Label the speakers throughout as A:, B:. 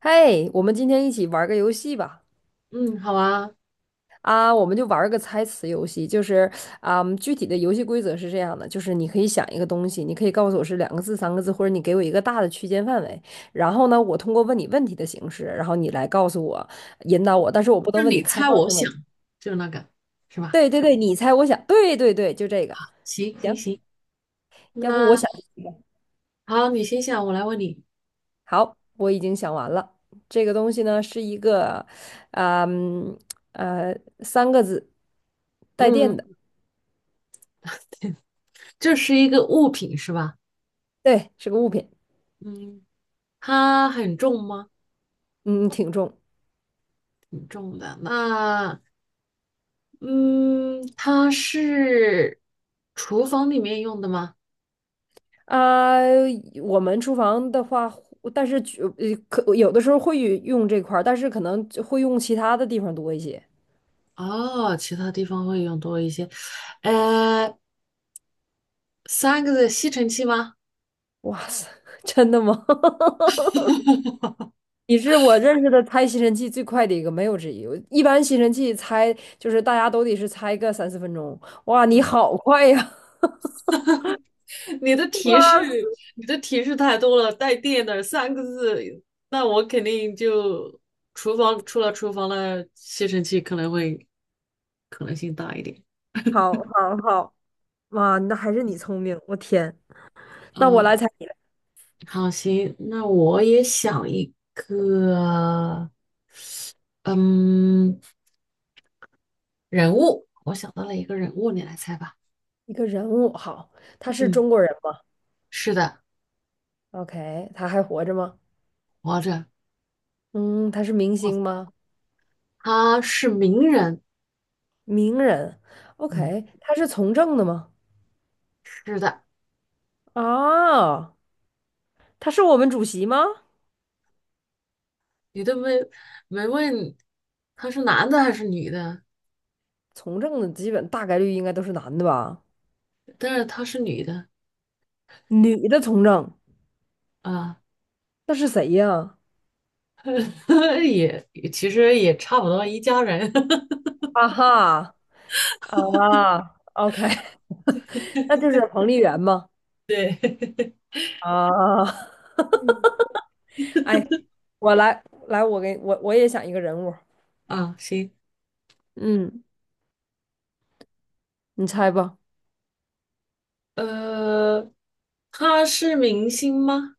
A: 嘿，我们今天一起玩儿个游戏吧！
B: 嗯，好啊，
A: 我们就玩儿个猜词游戏，就是啊，具体的游戏规则是这样的，就是你可以想一个东西，你可以告诉我是两个字、三个字，或者你给我一个大的区间范围，然后呢，我通过问你问题的形式，然后你来告诉我，引导我，但是我不
B: 就
A: 能问你
B: 你
A: 开
B: 猜
A: 放
B: 我
A: 性问
B: 想，
A: 题。
B: 就那个，是吧？
A: 对对对，你猜我想，对对对，就这个。
B: 行行
A: 行，
B: 行，
A: 要不
B: 那
A: 我想一个。
B: 好，你先想，我来问你。
A: 好，我已经想完了。这个东西呢是一个，嗯呃，三个字带电
B: 嗯，
A: 的。
B: 这是一个物品是吧？
A: 对，是个物品，
B: 嗯，它很重吗？
A: 嗯，挺重。
B: 挺重的。那嗯，它是厨房里面用的吗？
A: 啊、我们厨房的话，但是可有的时候会用这块儿，但是可能就会用其他的地方多一些。
B: 哦，其他地方会用多一些。呃，三个的吸尘器吗？
A: 哇塞，真的吗？你是我认识的拆吸尘器最快的一个，没有之一。我一般吸尘器拆就是大家都得是拆个三四分钟。哇，你好快呀！
B: 你的 提
A: 哇
B: 示，
A: 塞，
B: 你的提示太多了，带电的三个字，那我肯定就厨房除了厨房的吸尘器可能性大一点。
A: 好好好，哇，那还是你聪明，我天。那我来
B: 嗯，
A: 猜你了，
B: 好，行，那我也想一个，嗯，人物，我想到了一个人物，你来猜吧。
A: 一个人物，好，他是
B: 嗯，
A: 中国人吗？
B: 是的，
A: OK，他还活着吗？
B: 活着，
A: 嗯，他是明
B: 哦，
A: 星吗？
B: 他是名人。
A: 名人。
B: 嗯，
A: OK，他是从政的吗？
B: 是的，
A: 啊，他是我们主席吗？
B: 你都没问他是男的还是女的。
A: 从政的基本大概率应该都是男的吧？
B: 但是她是女的
A: 女的从政，
B: 啊，
A: 那是谁呀？
B: 也其实也差不多一家人
A: 啊哈啊，OK，那就是彭丽媛吗？啊，
B: 嗯，
A: 哎，我来，我给我我也想一个人物，
B: 啊。行，
A: 嗯，你猜吧。
B: 呃，她是明星吗？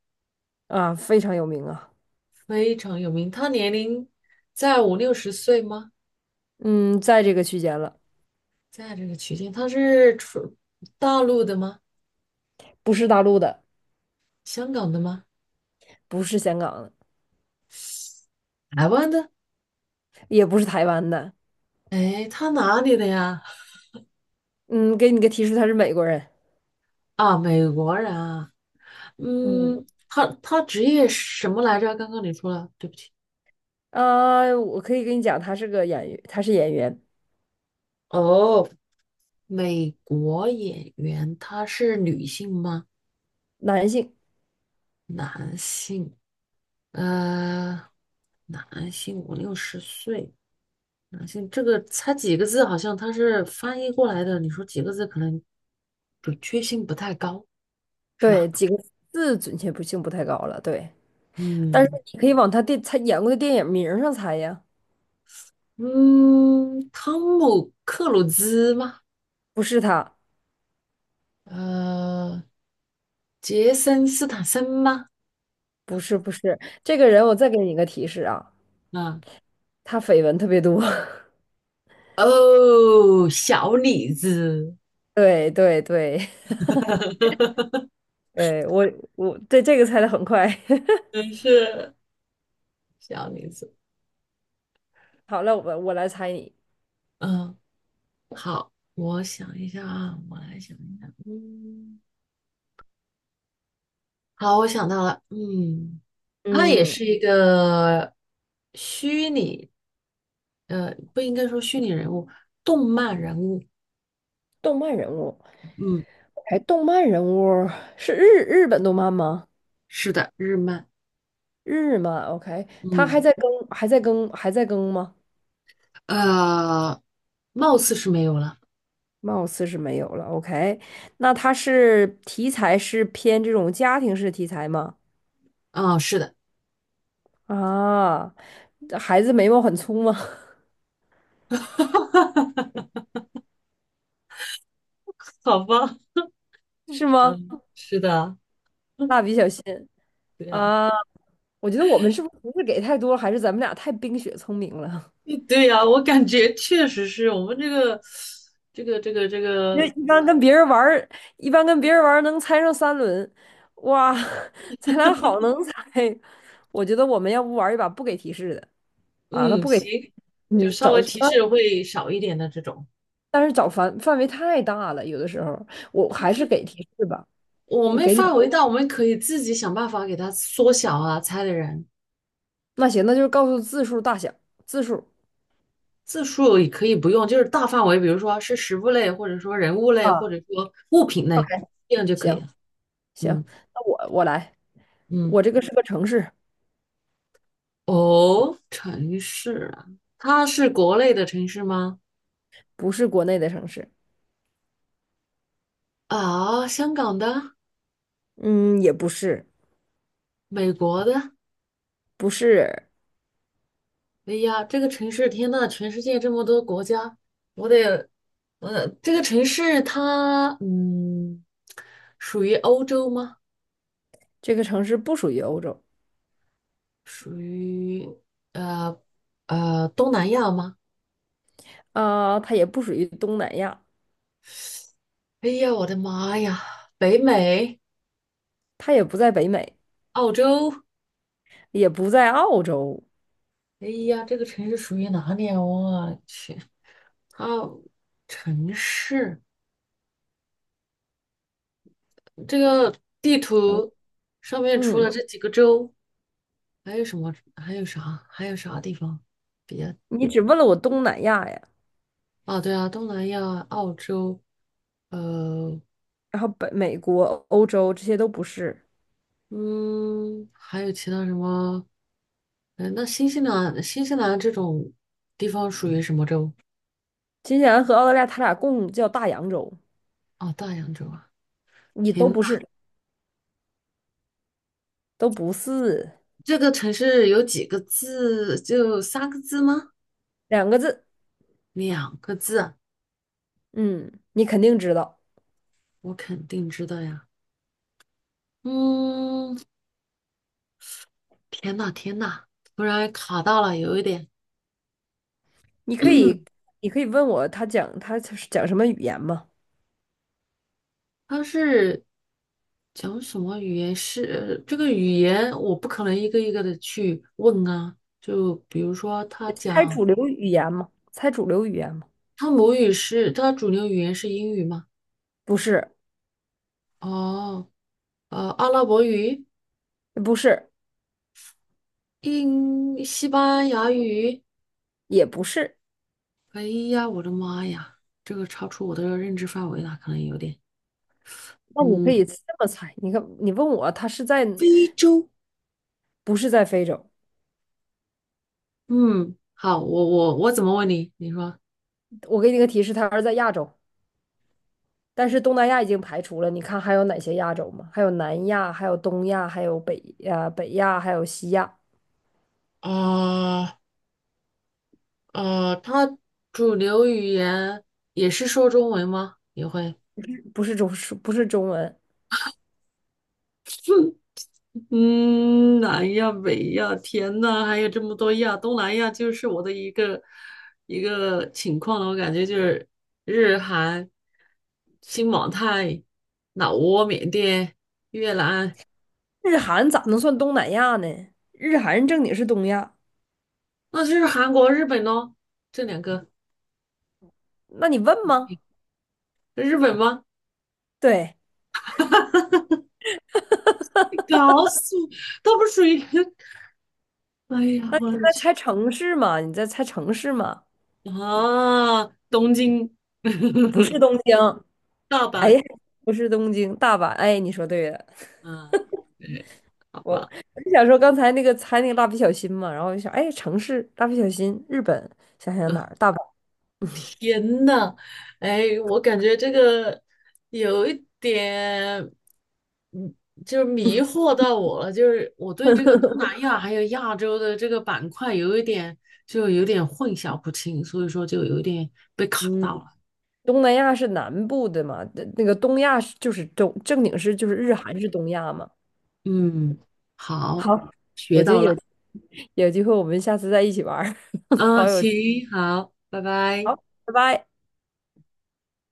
A: 啊，非常有名啊，
B: 非常有名。她年龄在五六十岁吗？
A: 嗯，在这个区间了，
B: 在这个区间，她是出大陆的吗？
A: 不是大陆的，
B: 香港的吗？
A: 不是香港的。
B: 台湾的？
A: 也不是台湾的。
B: 哎，她哪里的呀？
A: 嗯，给你个提示，他是美国人。
B: 啊，美国人啊。
A: 嗯，
B: 嗯，她职业是什么来着？刚刚你说了，对不起。
A: 啊，我可以跟你讲，他是个演员，他是演员，
B: 哦，美国演员他是女性吗？
A: 男性。
B: 男性，呃，男性五六十岁，男性这个猜几个字，好像他是翻译过来的。你说几个字，可能准确性不太高，是
A: 对，
B: 吧？
A: 几个字准确不性不太高了。对，但是
B: 嗯
A: 你可以往他演过的电影名儿上猜呀。
B: 嗯，汤姆克鲁兹吗？
A: 不是他，
B: 呃，杰森斯坦森吗？
A: 不是，不是这个人。我再给你一个提示啊，
B: 啊，
A: 他绯闻特别多。
B: 哦，小李子，
A: 对对对 对，我对这个猜的很快。
B: 真是小李子。
A: 好了，我来猜你。
B: 嗯，好，我想一下啊，我来想一下。嗯，好，我想到了。嗯，他也
A: 嗯，
B: 是一个虚拟，不应该说虚拟人物，动漫人物。
A: 动漫人物，
B: 嗯，
A: 哎，动漫人物是日本动漫吗？
B: 是的，日漫。
A: 日漫，OK，它
B: 嗯，
A: 还在更吗？
B: 呃，貌似是没有了。
A: 貌似是没有了，OK。那它是题材是偏这种家庭式题材吗？
B: 哦，是的，
A: 啊，孩子眉毛很粗吗？
B: 好吧。
A: 是吗？
B: 嗯，是的，
A: 蜡笔小新
B: 对呀，
A: 啊，我觉得我们是不是给太多了还是咱们俩太冰雪聪明了？
B: 嗯对呀，我感觉确实是我们这个这个这个这
A: 因为
B: 个
A: 一般跟别人玩儿能猜上三轮，哇，咱俩好能猜。我觉得我们要不玩一把不给提示的。那
B: 嗯，
A: 不给
B: 行，就
A: 你
B: 稍
A: 找，
B: 微提
A: 但
B: 示会少一点的这种。
A: 但是找范围太大了，有的时候我还是给提示吧，
B: 我
A: 我
B: 们
A: 给你，
B: 范围大，我们可以自己想办法给它缩小啊，猜的人
A: 那行，那就是告诉字数大小，字数
B: 字数也可以不用，就是大范围，比如说是食物类，或者说人物类，或
A: 啊，
B: 者说物品
A: ，OK，
B: 类，这样就可
A: 行
B: 以了。嗯
A: 行，那我来，
B: 嗯，
A: 我这个是个城市，
B: 哦，城市啊，它是国内的城市吗？
A: 不是国内的城市，
B: 啊，香港的，
A: 嗯，也不是，
B: 美国的，
A: 不是
B: 哎呀，这个城市，天呐，全世界这么多国家，我得，这个城市它，属于欧洲吗？
A: 这个城市不属于欧洲
B: 属于呃东南亚吗？
A: 啊，它也不属于东南亚，
B: 哎呀，我的妈呀，北美、
A: 它也不在北美，
B: 澳洲，
A: 也不在澳洲，
B: 哎呀，这个城市属于哪里啊？我去，它城市这个地
A: 嗯，
B: 图上面除了
A: 嗯，
B: 这几个州，还有什么？还有啥？还有啥地方？
A: 你只问了我东南亚呀。
B: 啊，对啊，东南亚、澳洲，呃，
A: 然后北美国、欧洲这些都不是，
B: 嗯，还有其他什么？那新西兰这种地方属于什么洲？
A: 新西兰和澳大利亚它俩共叫大洋洲，
B: 哦，大洋洲啊！
A: 你
B: 天
A: 都
B: 呐，
A: 不是，都不是
B: 这个城市有几个字？就三个字吗？
A: 两个字，
B: 两个字，
A: 嗯，你肯定知道，
B: 我肯定知道呀。嗯，天呐，天呐，突然卡到了，有一点，
A: 你可以，你可以问我他是讲什么语言吗？
B: 它是。讲什么语言是这个语言，我不可能一个一个的去问啊。就比如说，他
A: 猜
B: 讲
A: 主流语言吗？猜主流语言吗？
B: 他母语是他主流语言是英语吗？
A: 不是，
B: 哦，阿拉伯语、
A: 不是，
B: 英、西班牙语。
A: 也不是。
B: 哎呀，我的妈呀，这个超出我的认知范围了，可能有点。
A: 那你可以
B: 嗯
A: 这么猜，你看，你问我他是在，
B: 非洲。
A: 不是在非洲？
B: 嗯，好，我怎么问你？你说，
A: 我给你个提示，他是在亚洲。但是东南亚已经排除了，你看还有哪些亚洲吗？还有南亚，还有东亚，还有北亚，还有西亚，
B: 啊他主流语言也是说中文吗？也会。
A: 不是中不是中文，
B: 嗯，南亚、北亚、天呐，还有这么多亚，东南亚就是我的一个情况了。我感觉就是日韩、新马泰、老挝、缅甸、越南，
A: 日韩咋能算东南亚呢？日韩正经是东亚，
B: 那就是韩国、日本咯。这两个，
A: 那你问吗？
B: 日本吗？
A: 对，
B: 你搞死我，它不属于。哎呀，
A: 你
B: 我的
A: 在
B: 去
A: 猜城市嘛？你在猜城市嘛？
B: 啊！东京、
A: 不是 东京，
B: 大
A: 哎
B: 阪
A: 呀不是东京，大阪，哎，你说对了，
B: 啊，对，好
A: 我
B: 吧。
A: 我就想说刚才那个猜那个蜡笔小新嘛，然后我就想，哎，城市，蜡笔小新，日本，想想哪儿，大阪，
B: 天呐，哎，我感觉这个有一点，嗯，就是迷惑到我了。就是我对这个东南亚还有亚洲的这个板块有一点，就有点混淆不清，所以说就有一点被卡
A: 嗯。
B: 到了。
A: 东南亚是南部的嘛，那个东亚是就是正经是就是日韩是东亚嘛。
B: 嗯，好，
A: 好，
B: 学
A: 我觉得
B: 到
A: 有
B: 了。
A: 有机会我们下次再一起玩儿
B: 嗯，
A: 好有，
B: 行，好，拜拜。
A: 好，拜拜。